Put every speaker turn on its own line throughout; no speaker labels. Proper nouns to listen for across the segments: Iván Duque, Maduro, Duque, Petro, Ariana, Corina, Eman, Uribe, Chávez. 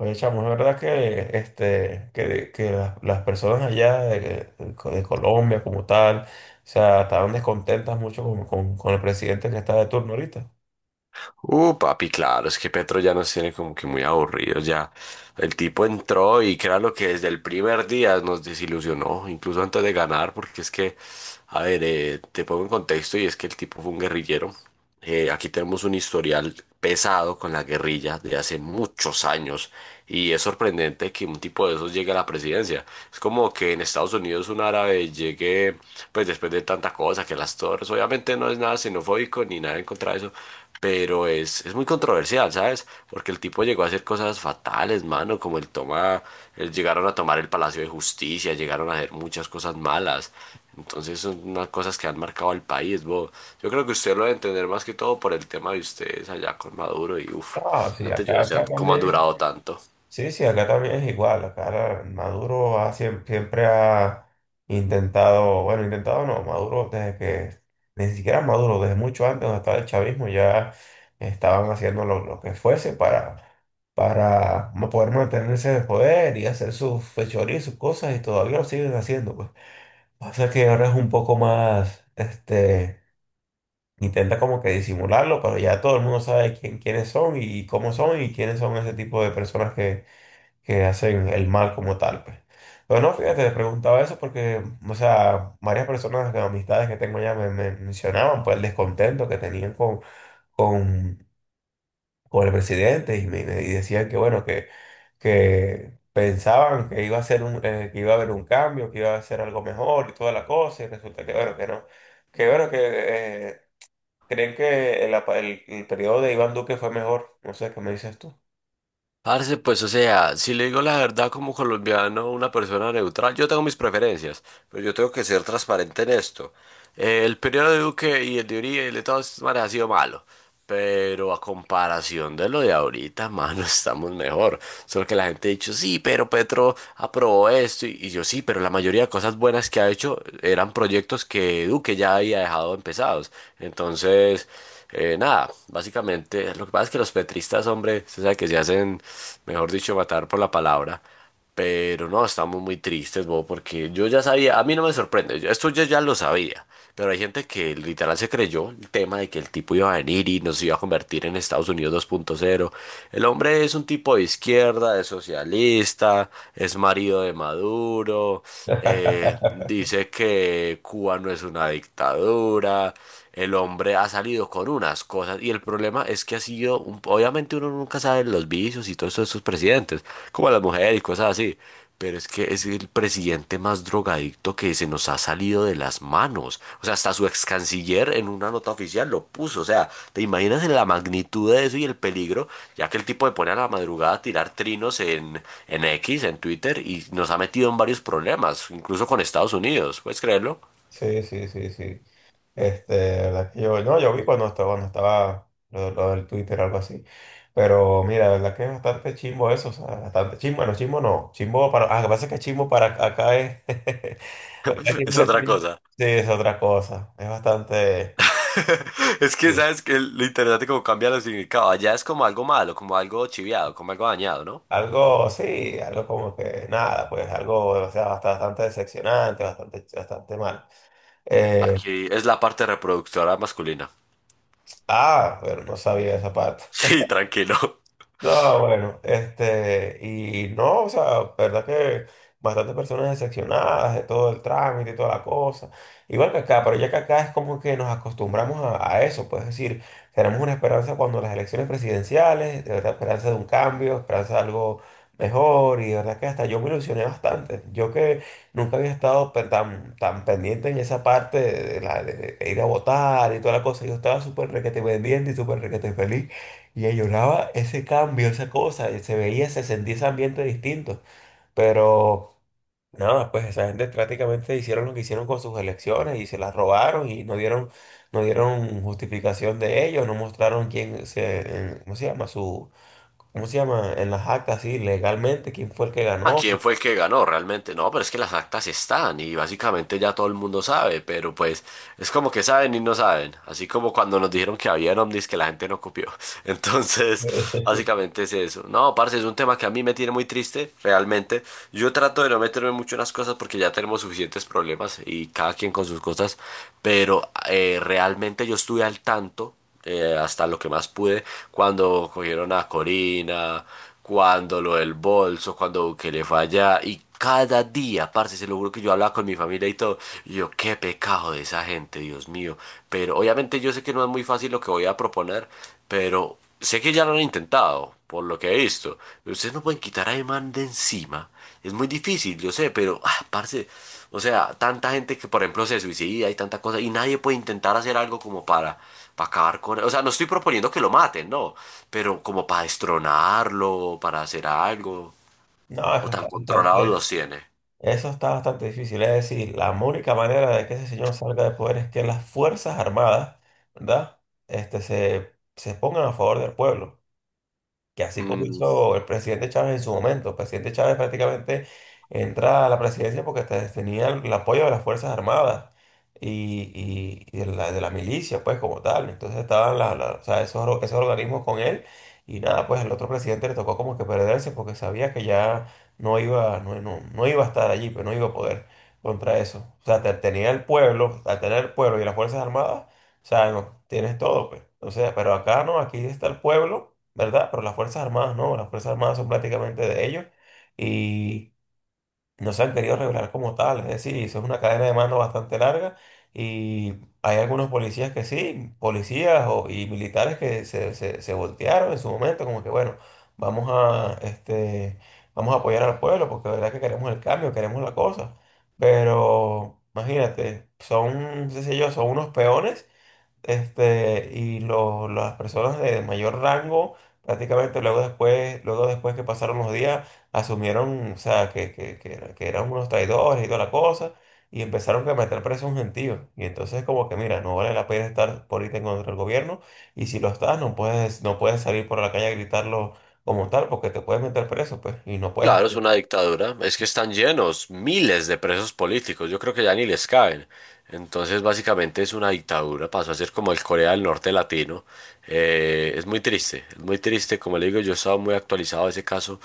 Oye, chamo, no es verdad que, que, las personas allá de, de Colombia como tal, o sea, estaban descontentas mucho con, con el presidente que está de turno ahorita.
Papi, claro, es que Petro ya nos tiene como que muy aburridos ya. El tipo entró y lo que desde el primer día nos desilusionó, incluso antes de ganar, porque es que, a ver, te pongo en contexto y es que el tipo fue un guerrillero, aquí tenemos un historial pesado con la guerrilla de hace muchos años y es sorprendente que un tipo de esos llegue a la presidencia. Es como que en Estados Unidos un árabe llegue, pues después de tanta cosa, que las torres, obviamente no es nada xenofóbico ni nada en contra de eso, pero es muy controversial, ¿sabes? Porque el tipo llegó a hacer cosas fatales, mano, como el toma, llegaron a tomar el Palacio de Justicia, llegaron a hacer muchas cosas malas. Entonces son unas cosas que han marcado al país, bo. Yo creo que usted lo debe entender más que todo por el tema de ustedes allá con Maduro y uff,
Ah, sí,
antes yo no sé
acá
cómo han
también.
durado tanto.
Sí, sí, acá también es igual. Acá Maduro ha, siempre ha intentado, bueno, intentado no, Maduro desde que, ni siquiera Maduro, desde mucho antes donde estaba el chavismo, ya estaban haciendo lo que fuese para poder mantenerse de poder y hacer sus fechorías, sus cosas, y todavía lo siguen haciendo, pues. Pasa que ahora es un poco más, intenta como que disimularlo, pero ya todo el mundo sabe quién, quiénes son y cómo son y quiénes son ese tipo de personas que hacen el mal como tal, pues. Pero no, fíjate, te preguntaba eso porque, o sea, varias personas, de amistades que tengo ya me mencionaban, pues, el descontento que tenían con, con el presidente y y decían que, bueno, que pensaban que iba a ser un, que iba a haber un cambio, que iba a ser algo mejor y toda la cosa, y resulta que, bueno, que no. Que, bueno, que creen que el, el periodo de Iván Duque fue mejor. No sé, ¿qué me dices tú?
Parce, pues o sea, si le digo la verdad como colombiano, una persona neutral, yo tengo mis preferencias, pero yo tengo que ser transparente en esto. El periodo de Duque y el de Uribe y el de todas estas maneras ha sido malo, pero a comparación de lo de ahorita, mano, estamos mejor. Solo que la gente ha dicho, sí, pero Petro aprobó esto, y yo sí, pero la mayoría de cosas buenas que ha hecho eran proyectos que Duque ya había dejado empezados. Entonces... Nada, básicamente, lo que pasa es que los petristas, hombre, se sabe que se hacen, mejor dicho, matar por la palabra. Pero no, estamos muy tristes, bo, porque yo ya sabía, a mí no me sorprende, esto yo ya lo sabía, pero hay gente que literal se creyó el tema de que el tipo iba a venir y nos iba a convertir en Estados Unidos 2.0. El hombre es un tipo de izquierda, es socialista, es marido de Maduro, dice que Cuba no es una dictadura. El hombre ha salido con unas cosas y el problema es que ha sido, obviamente uno nunca sabe los vicios y todo eso de sus presidentes, como las mujeres y cosas así, pero es que es el presidente más drogadicto que se nos ha salido de las manos. O sea, hasta su ex canciller en una nota oficial lo puso. O sea, ¿te imaginas la magnitud de eso y el peligro? Ya que el tipo le pone a la madrugada a tirar trinos en X, en Twitter, y nos ha metido en varios problemas, incluso con Estados Unidos. ¿Puedes creerlo?
Sí, sí, sí, sí. Este, la verdad que yo, no, yo vi cuando estaba lo del Twitter o algo así. Pero mira, la verdad que es bastante chimbo eso, o sea, bastante chimbo, bueno, chimbo no, chimbo para, ah, lo que pasa es que chimbo para acá es, acá es
Es
chimbo es,
otra
chimbo.
cosa.
Sí, es otra cosa, es bastante,
Es que,
sí,
¿sabes? Que lo interesante como cambia los significados. Allá es como algo malo, como algo chiviado, como algo dañado, ¿no?
sí, algo como que nada, pues algo, o sea, bastante decepcionante, bastante, bastante mal. Eh,
Aquí es la parte reproductora masculina.
ah, pero no sabía esa parte.
Sí, tranquilo.
No, bueno, este, y no, o sea, verdad que bastantes personas decepcionadas de todo el trámite y toda la cosa. Igual que acá, pero ya que acá es como que nos acostumbramos a eso, pues es decir, tenemos una esperanza cuando las elecciones presidenciales, de verdad, esperanza de un cambio, esperanza de algo mejor, y de verdad que hasta yo me ilusioné bastante. Yo que nunca había estado tan, tan pendiente en esa parte de, la, de ir a votar y toda la cosa, yo estaba súper requete pendiente y súper requete feliz. Y ella lloraba ese cambio, esa cosa, y se veía, se sentía ese ambiente distinto. Pero nada, pues esa gente prácticamente hicieron lo que hicieron con sus elecciones y se las robaron y no dieron, no dieron justificación de ello, no mostraron quién se, ¿cómo se llama? Su, ¿cómo se llama? En las actas, sí, legalmente, quién fue el que
¿A
ganó.
quién fue el que ganó realmente? No, pero es que las actas están y básicamente ya todo el mundo sabe, pero pues es como que saben y no saben, así como cuando nos dijeron que había en Omnis que la gente no copió. Entonces, básicamente es eso. No, parce, es un tema que a mí me tiene muy triste, realmente. Yo trato de no meterme mucho en las cosas porque ya tenemos suficientes problemas y cada quien con sus cosas, pero realmente yo estuve al tanto hasta lo que más pude, cuando cogieron a Corina, cuando lo del bolso, cuando le fue allá, y cada día, parce, se lo juro que yo hablaba con mi familia y todo, y yo, qué pecado de esa gente, Dios mío, pero obviamente yo sé que no es muy fácil lo que voy a proponer, pero sé que ya lo han intentado, por lo que he visto, ustedes no pueden quitar a Eman de encima, es muy difícil, yo sé, pero, ah, parce, o sea, tanta gente que, por ejemplo, se suicida y tanta cosa, y nadie puede intentar hacer algo como para acabar con él. O sea, no estoy proponiendo que lo maten, no. Pero como para destronarlo, para hacer algo.
No,
O
eso
tan
está
controlados
bastante.
los tiene.
Eso está bastante difícil. Es decir, la única manera de que ese señor salga de poder es que las Fuerzas Armadas, ¿verdad? Este, se pongan a favor del pueblo que así como
Mm,
hizo el presidente Chávez en su momento. El presidente Chávez prácticamente entra a la presidencia porque tenía el apoyo de las Fuerzas Armadas y, y de la milicia, pues como tal. Entonces estaban o sea, esos, esos organismos con él y nada, pues al otro presidente le tocó como que perderse porque sabía que ya no iba, no, no iba a estar allí, pero no iba a poder contra eso. O sea, tenía el pueblo, al tener el pueblo y las Fuerzas Armadas. O sea, no, tienes todo, pues. O sea, pero acá no, aquí está el pueblo, ¿verdad? Pero las Fuerzas Armadas no, las Fuerzas Armadas son prácticamente de ellos y no se han querido revelar como tal. Es decir, eso es una cadena de mando bastante larga y hay algunos policías que sí, policías y militares que se, se voltearon en su momento, como que bueno, vamos a, vamos a apoyar al pueblo porque la verdad que queremos el cambio, queremos la cosa. Pero imagínate, son, qué sé yo, son unos peones, y las personas de mayor rango, prácticamente luego después que pasaron los días, asumieron, o sea, que eran unos traidores y toda la cosa, y empezaron a meter preso a un gentío. Y entonces como que, mira, no vale la pena estar por ahorita en contra del gobierno, y si lo estás, no puedes, no puedes salir por la calle a gritarlo como tal, porque te puedes meter preso, pues, y no puedes...
claro, es una dictadura. Es que están llenos, miles de presos políticos. Yo creo que ya ni les caben. Entonces, básicamente es una dictadura. Pasó a ser como el Corea del Norte latino. Es muy triste, es muy triste. Como le digo, yo estaba muy actualizado de ese caso.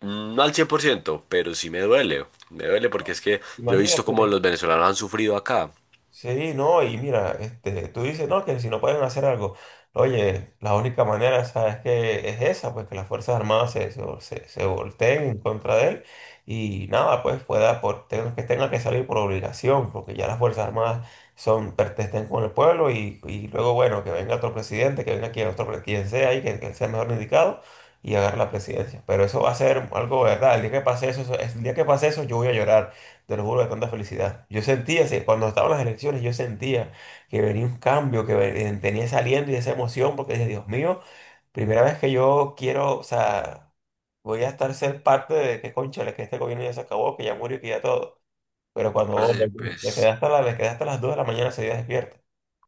Mm, no al 100%, pero sí me duele. Me duele porque es que yo he visto cómo
Imagínate.
los venezolanos han sufrido acá.
Sí, no, y mira, tú dices, no, que si no pueden hacer algo, oye, la única manera, ¿sabes que es esa? Pues que las Fuerzas Armadas se volteen en contra de él y nada, pues pueda, por, que tenga que salir por obligación, porque ya las Fuerzas Armadas son, pertenecen con el pueblo y luego, bueno, que venga otro presidente, que venga quien, otro, quien sea y que sea mejor indicado y agarre la presidencia. Pero eso va a ser algo, ¿verdad? El día que pase eso, el día que pase eso, yo voy a llorar. Te lo juro de tanta felicidad. Yo sentía, cuando estaban las elecciones, yo sentía que venía un cambio, tenía ese y esa emoción, porque dije, Dios mío, primera vez que yo quiero, o sea, voy a estar ser parte de que, cónchale, que este gobierno ya se acabó, que ya murió, que ya todo. Pero cuando
Parce,
vos te quedaste
pues,
hasta, le quedé hasta las 2 de la mañana, seguía despierto. O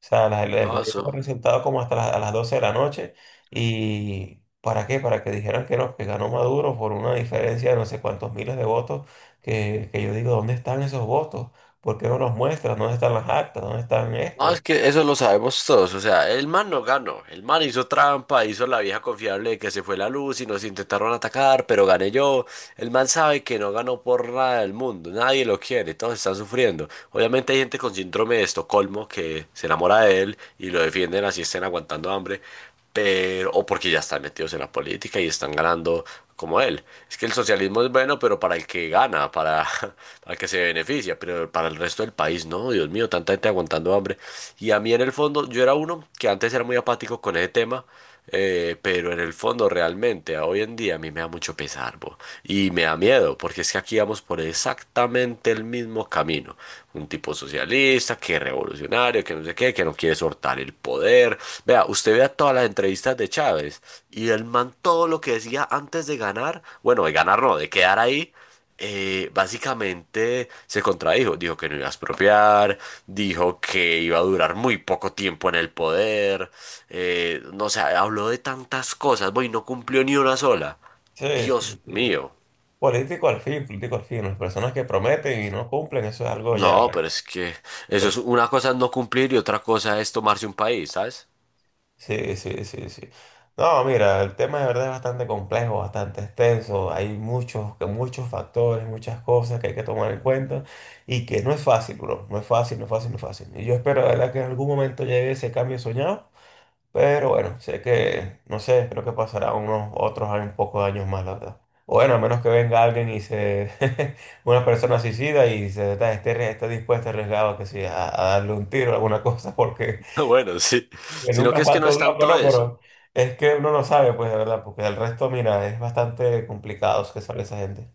sea, el
no,
proyecto
eso,
fue como hasta las, a las 12 de la noche. ¿Y para qué? Para que dijeran que no, que ganó Maduro por una diferencia de no sé cuántos miles de votos, que yo digo, ¿dónde están esos votos? ¿Por qué no los muestran? ¿Dónde están las actas? ¿Dónde están
no,
estos?
es que eso lo sabemos todos, o sea, el man no ganó, el man hizo trampa, hizo la vieja confiable de que se fue la luz y nos intentaron atacar, pero gané yo, el man sabe que no ganó por nada del mundo, nadie lo quiere, todos están sufriendo, obviamente hay gente con síndrome de Estocolmo que se enamora de él y lo defienden así estén aguantando hambre, pero, o porque ya están metidos en la política y están ganando como él. Es que el socialismo es bueno, pero para el que gana, para, para el que se beneficia, pero para el resto del país, no, Dios mío, tanta gente aguantando hambre. Y a mí en el fondo, yo era uno que antes era muy apático con ese tema, pero en el fondo realmente a hoy en día a mí me da mucho pesar, bo, y me da miedo, porque es que aquí vamos por exactamente el mismo camino. Un tipo socialista, que revolucionario, que no sé qué, que no quiere soltar el poder. Vea, usted vea todas las entrevistas de Chávez y el man todo lo que decía antes de ganar, bueno, de ganar no, de quedar ahí. Básicamente se contradijo, dijo que no iba a expropiar, dijo que iba a durar muy poco tiempo en el poder, no sé, habló de tantas cosas, voy, no cumplió ni una sola.
Sí,
Dios
sí, sí.
mío.
Político al fin, político al fin. Las personas que prometen y no cumplen, eso es algo ya.
No, pero es que eso es una cosa es no cumplir y otra cosa es tomarse un país, ¿sabes?
Sí, sí, sí, sí. No, mira, el tema de verdad es bastante complejo, bastante extenso. Hay muchos, muchos factores, muchas cosas que hay que tomar en cuenta y que no es fácil, bro. No es fácil, no es fácil, no es fácil. Y yo espero, de verdad, que en algún momento llegue ese cambio soñado. Pero bueno, sé que, no sé, creo que pasará unos otros años, un poco de años más, la verdad. O bueno, a menos que venga alguien y se, una persona suicida y esté, esté dispuesta a arriesgar, que sí, a darle un tiro o alguna cosa, porque
Bueno, sí.
que
Sino que
nunca
es que no
falta
es
un loco,
tanto
¿no?
eso.
Pero es que uno no sabe, pues, de verdad, porque el resto, mira, es bastante complicado que sale esa gente.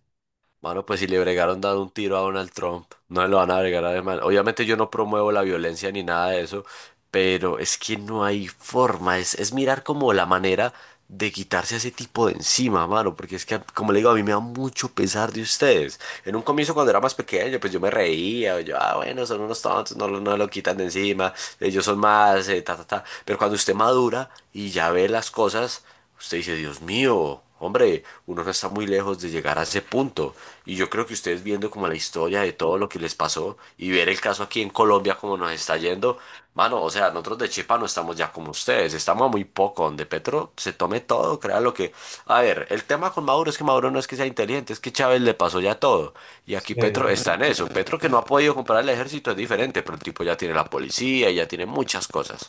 Mano, pues si le bregaron dando un tiro a Donald Trump, no se lo van a bregar a ese man. Obviamente yo no promuevo la violencia ni nada de eso, pero es que no hay forma. Es mirar como la manera de quitarse a ese tipo de encima, mano. Porque es que, como le digo, a mí me da mucho pesar de ustedes. En un comienzo cuando era más pequeño, pues yo me reía. Yo, ah, bueno, son unos tontos, no, no lo quitan de encima. Ellos son más, ta, ta, ta. Pero cuando usted madura y ya ve las cosas... Usted dice, Dios mío, hombre, uno no está muy lejos de llegar a ese punto. Y yo creo que ustedes viendo como la historia de todo lo que les pasó y ver el caso aquí en Colombia como nos está yendo, mano, o sea, nosotros de Chepa no estamos ya como ustedes, estamos a muy poco, donde Petro se tome todo, crea lo que... A ver, el tema con Maduro es que Maduro no es que sea inteligente, es que Chávez le pasó ya todo. Y aquí Petro
Sí.
está en eso. Petro que no ha podido comprar el ejército es diferente, pero el tipo ya tiene la policía y ya tiene muchas cosas.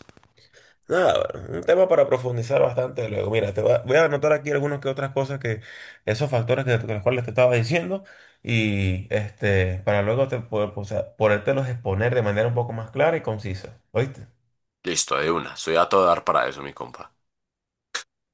Nada, bueno, un tema para profundizar bastante luego. Mira, voy a anotar aquí algunas que otras cosas que, esos factores que, de los cuales te estaba diciendo, y este, para luego te poder, o sea, podértelos exponer de manera un poco más clara y concisa. ¿Oíste?
Listo, de una, soy a todo dar para eso, mi compa.